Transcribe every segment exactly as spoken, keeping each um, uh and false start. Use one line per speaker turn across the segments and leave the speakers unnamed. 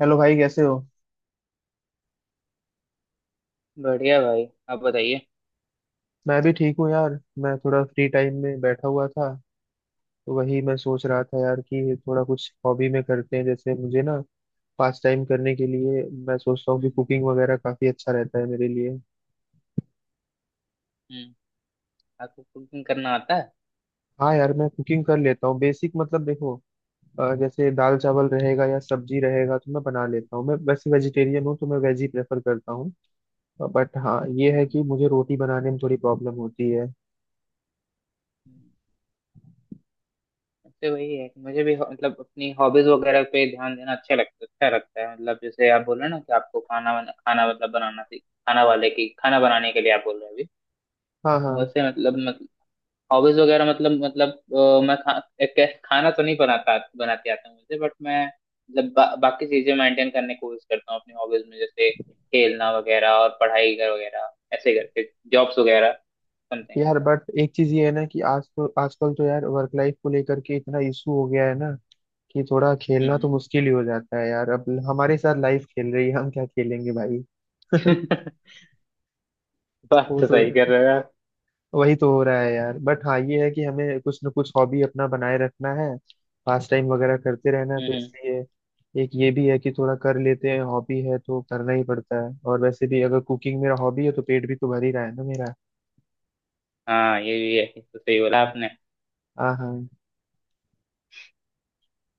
Hello भाई कैसे हो।
बढ़िया भाई आप बताइए।
मैं भी ठीक हूँ यार। मैं थोड़ा फ्री टाइम में बैठा हुआ था। तो वही मैं सोच रहा था यार कि थोड़ा कुछ हॉबी में करते हैं। जैसे मुझे ना पास टाइम करने के लिए मैं सोचता हूँ कि
हम्म।
कुकिंग वगैरह काफी अच्छा रहता है मेरे लिए।
हम्म। आपको कुकिंग करना आता है?
हाँ यार मैं कुकिंग कर लेता हूँ बेसिक मतलब देखो। अ, जैसे दाल चावल रहेगा या सब्जी रहेगा तो मैं बना लेता हूँ। मैं वैसे वेजिटेरियन हूँ तो मैं वेज ही प्रेफर करता हूँ। बट हाँ ये है कि
हम्म।
मुझे रोटी बनाने में थोड़ी प्रॉब्लम होती है।
हम्म, तो वही है कि मुझे भी हो- मतलब अपनी हॉबीज वगैरह पे ध्यान देना अच्छा लगता अच्छा लगता है। मतलब जैसे आप बोल रहे हो ना कि आपको खाना बना, खाना मतलब बनाना सीख खाना वाले की खाना बनाने के लिए आप बोल रहे हो अभी।
हाँ, हाँ।
वैसे मतलब हॉबीज वगैरह मतलब मतलब अ, मैं खा, एक, खाना तो नहीं बनाता बनाती आता मुझे बट मैं मतलब बा, बाकी चीजें मेंटेन करने की कोशिश करता हूँ अपनी हॉबीज में जैसे खेलना वगैरह और पढ़ाई कर वगैरह। ऐसे करके जॉब्स वगैरह बनते हैं।
यार बट एक चीज ये है ना कि आज तो आजकल तो यार वर्क लाइफ को लेकर के इतना इशू हो गया है ना कि थोड़ा खेलना तो
हम्म।
मुश्किल ही हो जाता है यार अब। हमारे साथ लाइफ खेल रही है, हम क्या खेलेंगे भाई।
बात
वो
तो
तो
सही कर रहे हो यार।
वही तो हो रहा है यार। बट हाँ ये है कि हमें कुछ ना कुछ हॉबी अपना बनाए रखना है। पास टाइम वगैरह करते रहना है तो
हम्म।
इसलिए एक ये भी है कि थोड़ा कर लेते हैं। हॉबी है तो करना ही पड़ता है, और वैसे भी अगर कुकिंग मेरा हॉबी है तो पेट भी तो भर ही रहा है ना मेरा।
हाँ ये भी है, ये तो सही बोला आपने।
हाँ, हाँ।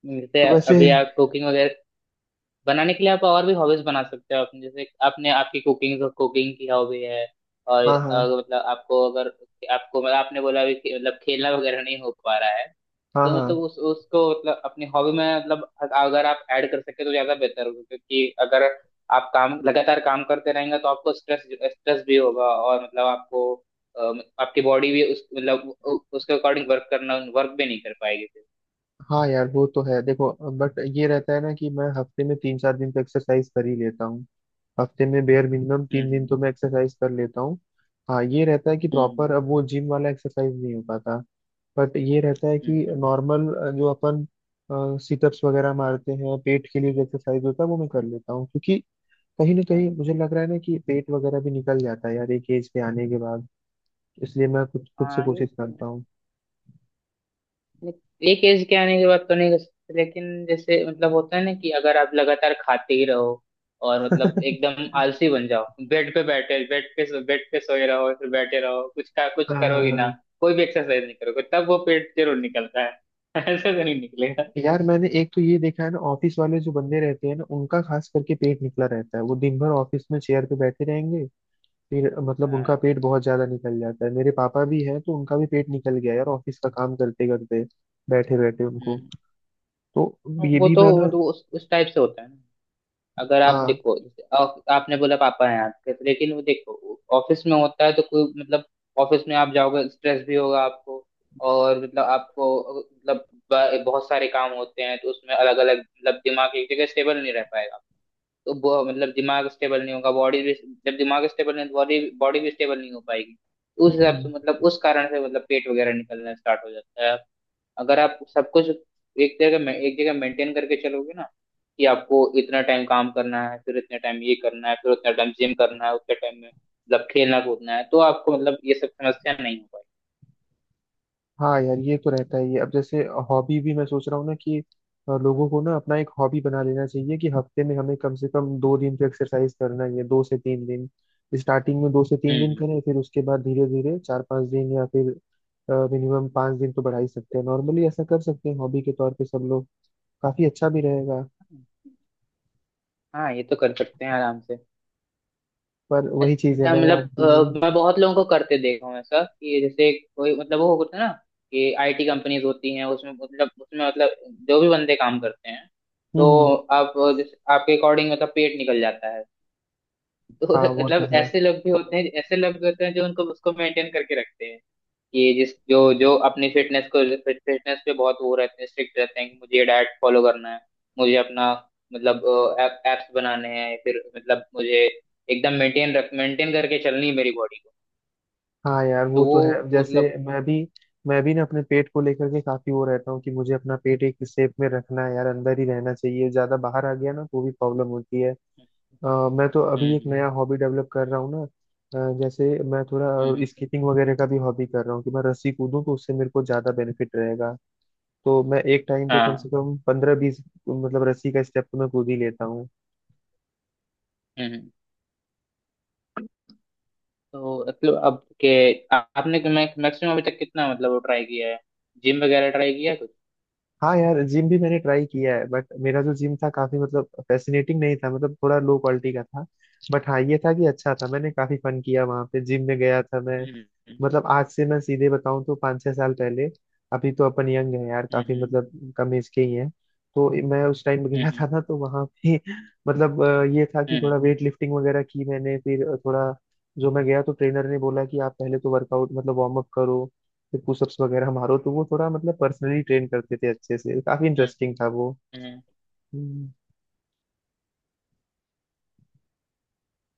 जैसे
तो वैसे।
अभी आप कुकिंग वगैरह बनाने के लिए आप और भी हॉबीज बना सकते हो अपने, जैसे आपने आपकी कुकिंग कुकिंग की हॉबी है। और
हाँ, हाँ।
अगर मतलब आपको अगर आपको मतलब आपने बोला अभी कि मतलब खेलना वगैरह नहीं हो पा रहा है,
हाँ,
तो मतलब
हाँ।
उस उसको मतलब अपनी हॉबी में मतलब अगर आप ऐड कर सके तो ज्यादा बेहतर होगा, क्योंकि अगर आप काम लगातार काम करते रहेंगे तो आपको स्ट्रेस स्ट्रेस भी होगा। और मतलब आपको अम, आपकी बॉडी भी उस मतलब उ- उसके अकॉर्डिंग वर्क करना वर्क भी नहीं कर पाएगी फिर।
हाँ यार वो तो है देखो। बट ये रहता है ना कि मैं हफ्ते में तीन चार दिन तो एक्सरसाइज कर ही लेता हूँ। हफ्ते में बेयर मिनिमम तीन दिन
हम्म।
तो मैं एक्सरसाइज कर लेता हूँ। हाँ ये रहता है कि
हम्म।
प्रॉपर अब वो जिम वाला एक्सरसाइज नहीं हो पाता। बट ये रहता है
हम्म।
कि
हम्म।
नॉर्मल जो अपन सिटअप्स वगैरह मारते हैं पेट के लिए जो एक्सरसाइज होता है वो मैं कर लेता हूँ, क्योंकि कहीं ना कहीं
हाँ।
मुझे लग रहा है ना कि पेट वगैरह भी निकल जाता है यार एक एज पे आने के बाद। इसलिए मैं कुछ खुद से
हाँ ये
कोशिश करता हूँ।
एक एज के आने के बाद तो नहीं कर सकते, लेकिन जैसे मतलब होता है ना कि अगर आप लगातार खाते ही रहो और मतलब
हाँ।
एकदम आलसी बन जाओ, बेड पे बैठे बेड पे बेड पे सोए रहो फिर बैठे रहो, कुछ का कुछ करोगे ना,
हाँ
कोई भी एक्सरसाइज नहीं करोगे तब वो पेट जरूर निकलता है। ऐसे तो नहीं निकलेगा।
यार मैंने एक तो ये देखा है ना, ऑफिस वाले जो बंदे रहते हैं ना उनका खास करके पेट निकला रहता है। वो दिन भर ऑफिस में चेयर पे बैठे रहेंगे फिर मतलब उनका
हाँ।
पेट बहुत ज्यादा निकल जाता है। मेरे पापा भी हैं तो उनका भी पेट निकल गया यार, ऑफिस का काम करते करते बैठे बैठे उनको।
हम्म।
तो ये
वो
भी
तो
मैं ना।
मतलब उस, उस टाइप से होता है। अगर आप देखो जैसे आप- आपने बोला पापा हैं आपके, तो लेकिन वो देखो ऑफिस में होता है तो कोई मतलब ऑफिस में आप जाओगे, स्ट्रेस भी होगा आपको। और मतलब आपको मतलब ब- बहुत सारे काम होते हैं तो उसमें अलग अलग मतलब दिमाग एक जगह स्टेबल नहीं रह पाएगा। तो ब- मतलब दिमाग स्टेबल नहीं होगा, बॉडी भी, जब दिमाग स्टेबल नहीं बॉडी बॉडी भी स्टेबल नहीं हो पाएगी। तो उस हिसाब से
हाँ,
मतलब उस कारण से मतलब पेट वगैरह निकलना स्टार्ट हो जाता है। अगर आप सब कुछ एक जगह में एक जगह मेंटेन करके चलोगे ना कि आपको इतना टाइम काम करना है, फिर इतना टाइम ये करना है, फिर उतना टाइम जिम करना है, उतने टाइम में मतलब खेलना कूदना है, तो आपको मतलब ये सब समस्या नहीं हो पाई।
हाँ यार ये तो रहता ही है। अब जैसे हॉबी भी मैं सोच रहा हूँ ना कि अ, लोगों को ना अपना एक हॉबी बना लेना चाहिए कि हफ्ते में हमें कम से कम दो दिन तो एक्सरसाइज करना ही है, दो से तीन दिन। स्टार्टिंग में दो से तीन दिन
हम्म।
करें, फिर उसके बाद धीरे धीरे चार पांच दिन, या फिर मिनिमम पांच दिन तो बढ़ा ही सकते हैं। नॉर्मली ऐसा कर सकते हैं हॉबी के तौर पे सब लोग। काफी अच्छा भी रहेगा।
हाँ ये तो कर सकते हैं आराम से।
पर वही चीज है
अच्छा
ना
मतलब
यार कि
अ, मैं बहुत लोगों को करते देखा हूँ ऐसा, कि जैसे कोई मतलब वो होता है ना कि आईटी कंपनीज होती हैं उसमें मतलब उसमें मतलब जो भी बंदे काम करते हैं,
हम्म,
तो
हम्म।
आप जैसे आपके अकॉर्डिंग मतलब पेट निकल जाता है। तो
हाँ वो तो
मतलब
है।
ऐसे लोग भी होते हैं ऐसे लोग भी होते हैं जो उनको उसको मेंटेन करके रखते हैं। ये जिस जो जो अपनी फिटनेस को फिटनेस पे बहुत वो रहते हैं, स्ट्रिक्ट रहते हैं कि मुझे ये डाइट फॉलो करना है, मुझे अपना मतलब एप्स बनाने हैं, फिर मतलब मुझे एकदम मेंटेन रख मेंटेन करके चलनी है मेरी बॉडी को।
हाँ यार वो
तो
तो है।
वो
अब
उस
जैसे
मतलब
मैं भी मैं भी ना अपने पेट को लेकर के काफी वो रहता हूँ कि मुझे अपना पेट एक शेप में रखना है यार, अंदर ही रहना चाहिए। ज्यादा बाहर आ गया ना तो भी प्रॉब्लम होती है। अ, मैं तो
हम्म।
अभी एक
हम्म।
नया हॉबी डेवलप कर रहा हूँ ना। अ, जैसे मैं
हम्म।
थोड़ा
हम्म।
स्कीपिंग वगैरह का भी हॉबी कर रहा हूँ कि मैं रस्सी कूदूं, तो उससे मेरे को ज्यादा बेनिफिट रहेगा। तो मैं एक टाइम पे कम से
हाँ।
कम पंद्रह बीस मतलब रस्सी का स्टेप तो मैं कूद ही लेता।
हम्म। हम्म। तो मतलब अब के आ- आपने मैक्सिमम अभी तक कितना मतलब ट्राई किया है? जिम वगैरह ट्राई किया है कुछ?
हाँ यार जिम भी मैंने ट्राई किया है, बट मेरा जो जिम था काफी मतलब फैसिनेटिंग नहीं था, मतलब थोड़ा लो क्वालिटी का था। बट हाँ ये था कि अच्छा था, मैंने काफी फन किया वहाँ पे जिम में गया था मैं।
हम्म। हम्म।
मतलब आज से मैं सीधे बताऊं तो पाँच छह साल पहले। अभी तो अपन यंग है यार, काफी
हम्म।
मतलब कम एज के ही हैं। तो मैं उस टाइम गया था
हम्म।
ना तो वहां पे मतलब अ, ये था कि
हम्म।
थोड़ा वेट लिफ्टिंग वगैरह की मैंने, फिर थोड़ा जो मैं गया तो ट्रेनर ने बोला कि आप पहले तो वर्कआउट मतलब वार्म अप करो। फिर पुशअप्स वगैरह मारो। तो वो थोड़ा मतलब पर्सनली ट्रेन करते थे अच्छे से, काफी
हम्म।
इंटरेस्टिंग था वो।
हम्म।
हम्म।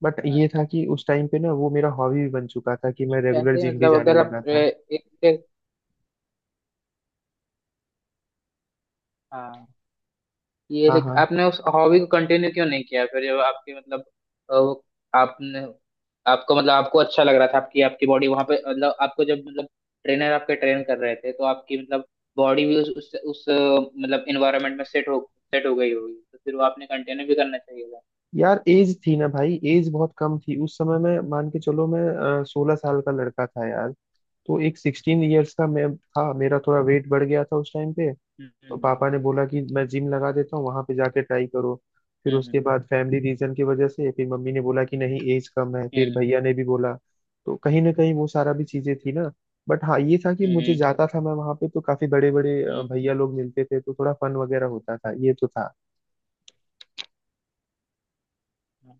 बट
हाँ।
ये था कि उस टाइम पे ना वो मेरा हॉबी भी बन चुका था कि मैं रेगुलर
ऐसे ही
जिम भी
मतलब
जाने
अगर आप
लगा था।
हाँ ये
हाँ,
लेक-
हाँ।
आपने उस हॉबी को कंटिन्यू क्यों नहीं किया फिर, जब आपकी मतलब अ, वो आपने आपको मतलब आपको अच्छा लग रहा था, आपकी आपकी बॉडी वहां पे, मतलब आपको जब मतलब ट्रेनर आपके ट्रेन कर रहे थे तो आपकी मतलब बॉडी भी उस उस, उस अ, मतलब इन्वायरमेंट में सेट हो सेट हो गई होगी, तो फिर वो आपने कंटिन्यू भी करना चाहिए था।
यार एज थी ना भाई, एज बहुत कम थी उस समय में। मान के चलो मैं सोलह साल का लड़का था यार। तो एक सिक्सटीन इयर्स का मैं था, मेरा थोड़ा वेट बढ़ गया था उस टाइम पे।
हम्म।
तो
हम्म।
पापा ने बोला कि मैं जिम लगा देता हूँ, वहां पे जाके ट्राई करो। फिर
हम्म।
उसके बाद फैमिली रीजन की वजह से फिर मम्मी ने बोला कि नहीं, एज कम है, फिर
हम्म।
भैया ने भी बोला। तो कहीं ना कहीं वो सारा भी चीजें थी ना। बट हाँ ये था कि
हम्म।
मुझे
हम्म।
जाता था, मैं वहां पे तो काफी बड़े बड़े
हम्म।
भैया लोग मिलते थे तो थोड़ा फन वगैरह होता था, ये तो था।
हम्म।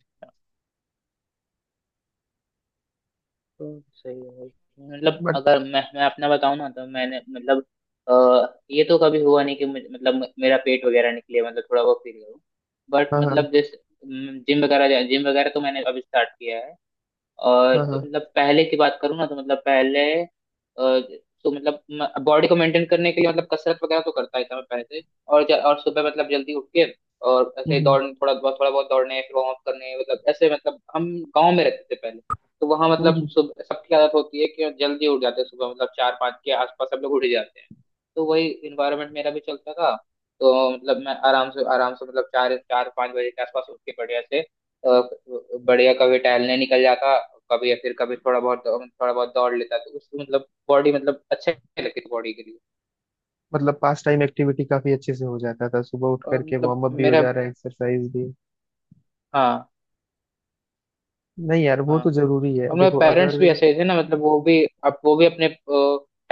तो सही है भाई। मतलब
बट
अगर मैं मैं अपना बताऊं ना तो मैंने मतलब अ, ये तो कभी हुआ नहीं कि मुझे- मतलब म- मेरा पेट वगैरह निकले, मतलब थोड़ा बहुत फील करूं। बट
हाँ, हाँ,
मतलब जैसे जिम वगैरह जिम वगैरह तो मैंने अभी स्टार्ट किया है। और
हाँ, हाँ।
मतलब पहले की बात करूँ ना तो मतलब पहले अ, तो मतलब बॉडी को मेंटेन करने के लिए मतलब कसरत वगैरह तो करता ही था मैं पहले से। और ज- और सुबह मतलब जल्दी उठ के और ऐसे
हम्म,
ही
हम्म,
दौड़ थोड़ा बहुत थोड़ा बहुत दौड़ने, फिर वार्म अप करने, मतलब ऐसे मतलब हम गांव में रहते थे पहले। तो वहां मतलब
हम्म।
सुबह सबकी आदत होती है कि जल्दी उठ जाते हैं, सुबह मतलब चार पाँच के आसपास सब लोग उठ ही जाते हैं। तो वही इन्वायरमेंट मेरा भी चलता था। तो मतलब मैं आराम से आराम से मतलब चार चार पाँच बजे के आसपास उठ के बढ़िया से अ, बढ़िया कभी टहलने निकल जाता, कभी या फिर कभी थोड़ा बहुत थोड़ा बहुत दौड़ लेता, तो उसकी मतलब बॉडी मतलब अच्छे लगती बॉडी के लिए।
मतलब पास टाइम एक्टिविटी काफी अच्छे से हो जाता था, सुबह उठ
और
करके
मतलब
वार्म अप भी हो
मेरा
जा रहा है एक्सरसाइज भी।
हाँ।
नहीं यार वो
हाँ।
तो
हाँ।
जरूरी है
और मेरे
देखो
पेरेंट्स
अगर।
भी ऐसे थे ना, मतलब वो भी अब वो भी अपने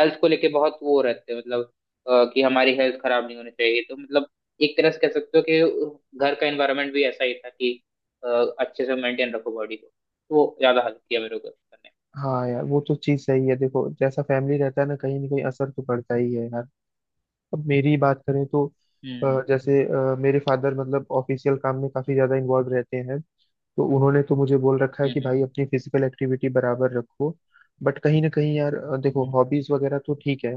हेल्थ को लेके बहुत वो रहते हैं, मतलब अ, कि हमारी हेल्थ खराब नहीं होनी चाहिए। तो मतलब एक तरह से कह सकते हो कि घर का एनवायरनमेंट भी ऐसा ही था कि अ, अच्छे से मेंटेन रखो बॉडी को, तो वो ज्यादा हेल्प किया मेरे को करने।
हाँ यार वो तो चीज सही है देखो, जैसा फैमिली रहता है ना कहीं ना कहीं असर तो पड़ता ही है यार। अब मेरी ही बात करें तो अ,
हम्म।
जैसे अ, मेरे फादर मतलब ऑफिशियल काम में काफी ज्यादा इन्वॉल्व रहते हैं। तो उन्होंने तो मुझे बोल रखा है कि
हम्म।
भाई अपनी फिजिकल एक्टिविटी बराबर रखो। बट कहीं ना कहीं यार अ, देखो
हम्म।
हॉबीज वगैरह तो ठीक है।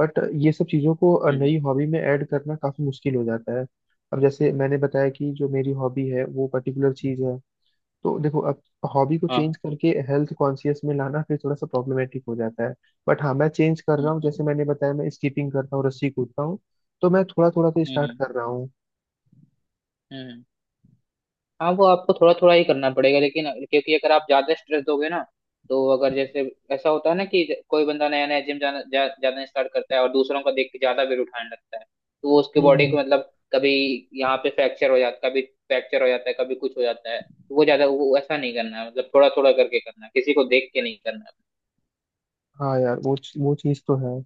बट ये सब चीज़ों को अ,
हम्म। हम्म।
नई हॉबी में ऐड करना काफ़ी मुश्किल हो जाता है। अब जैसे मैंने बताया कि जो मेरी हॉबी है वो पर्टिकुलर चीज़ है। तो देखो अब हॉबी को चेंज करके हेल्थ कॉन्शियस में लाना फिर थोड़ा सा प्रॉब्लमेटिक हो जाता है। बट हाँ मैं चेंज कर रहा हूँ,
हाँ।
जैसे मैंने बताया मैं स्कीपिंग करता हूँ, रस्सी कूदता हूँ। तो मैं थोड़ा थोड़ा तो स्टार्ट
हम्म।
कर रहा हूँ।
हम्म। हाँ वो आपको थोड़ा थोड़ा ही करना पड़ेगा, लेकिन क्योंकि अगर आप ज्यादा स्ट्रेस दोगे ना तो अगर जैसे ऐसा होता है ना कि कोई बंदा नया नया जिम जाना जा, जाना स्टार्ट करता है और दूसरों को देख के ज्यादा वेट उठाने लगता है, तो वो उसके
हम्म,
बॉडी
हम्म।
को मतलब कभी यहाँ पे फ्रैक्चर हो जाता है, कभी फ्रैक्चर हो जाता है, कभी कुछ हो जाता है। तो वो ज्यादा वो ऐसा नहीं करना है, मतलब थोड़ा थोड़ा करके करना है, किसी को देख के नहीं करना।
हाँ यार वो वो चीज़ तो है।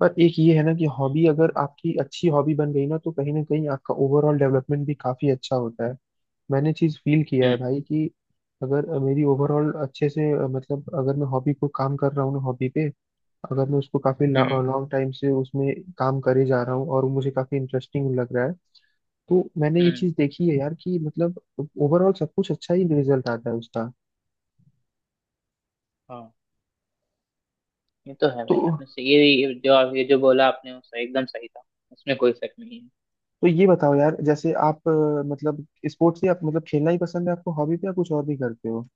पर एक ये है ना कि
हम्म।
हॉबी अगर आपकी अच्छी हॉबी बन गई ना तो कहीं ना कहीं आपका ओवरऑल डेवलपमेंट भी काफी अच्छा होता है। मैंने चीज फील किया है
हम्म।
भाई कि अगर मेरी ओवरऑल अच्छे से अ, मतलब अगर मैं हॉबी को काम कर रहा हूँ ना हॉबी पे, अगर मैं उसको काफी
हम्म।
लॉन्ग टाइम से उसमें काम करे जा रहा हूँ और मुझे काफी इंटरेस्टिंग लग रहा है, तो मैंने ये
हम्म।
चीज देखी है यार कि मतलब ओवरऑल सब कुछ अच्छा ही रिजल्ट आता है उसका।
हाँ। ये तो है
तो
भाई, आपने सही ये ये जो आप ये जो बोला आपने वो सही, एकदम सही था। उसमें कोई शक नहीं है।
तो ये बताओ यार, जैसे आप अ, मतलब स्पोर्ट्स से आप मतलब खेलना ही पसंद है आपको हॉबी पे, या कुछ और भी करते हो।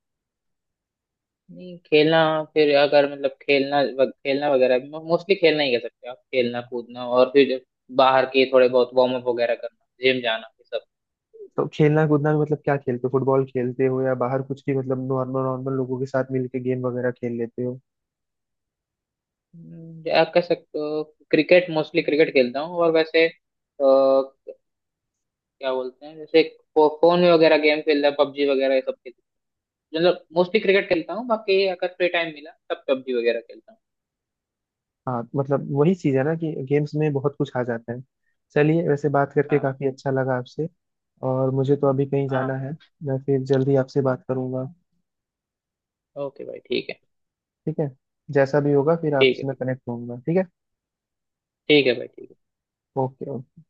नहीं, खेलना फिर अगर मतलब खेलना वग- खेलना वगैरह भी मोस्टली खेलना ही कह सकते हैं आप, खेलना कूदना और फिर जब बाहर के थोड़े बहुत वार्म अप वगैरह करना, जिम जाना, ये सब।
तो खेलना कूदना में मतलब क्या खेलते हो, फुटबॉल खेलते हो या बाहर कुछ भी मतलब नॉर्मल नॉर्मल लोगों के साथ मिलके गेम वगैरह खेल लेते हो।
हम्म। आप कह सकते हो क्रिकेट, मोस्टली क्रिकेट खेलता हूँ। और वैसे अ, क्या बोलते हैं जैसे फो, फोन में वगैरह गेम खेलता है पबजी वगैरह ये सब खेलता, मतलब मोस्टली क्रिकेट खेलता हूँ, बाकी अगर फ्री टाइम मिला तब पबजी वगैरह खेलता हूँ।
हाँ मतलब वही चीज है ना कि गेम्स में बहुत कुछ आ जाता है। चलिए वैसे बात करके
हाँ।
काफी अच्छा लगा आपसे। और मुझे तो अभी कहीं जाना
हाँ।
है। मैं फिर जल्दी आपसे बात करूंगा।
ओके भाई ठीक है।
ठीक है। जैसा भी होगा फिर
ठीक
आपसे
है।
मैं कनेक्ट होऊंगा, ठीक है।
ठीक है भाई ठीक है।
Okay, okay.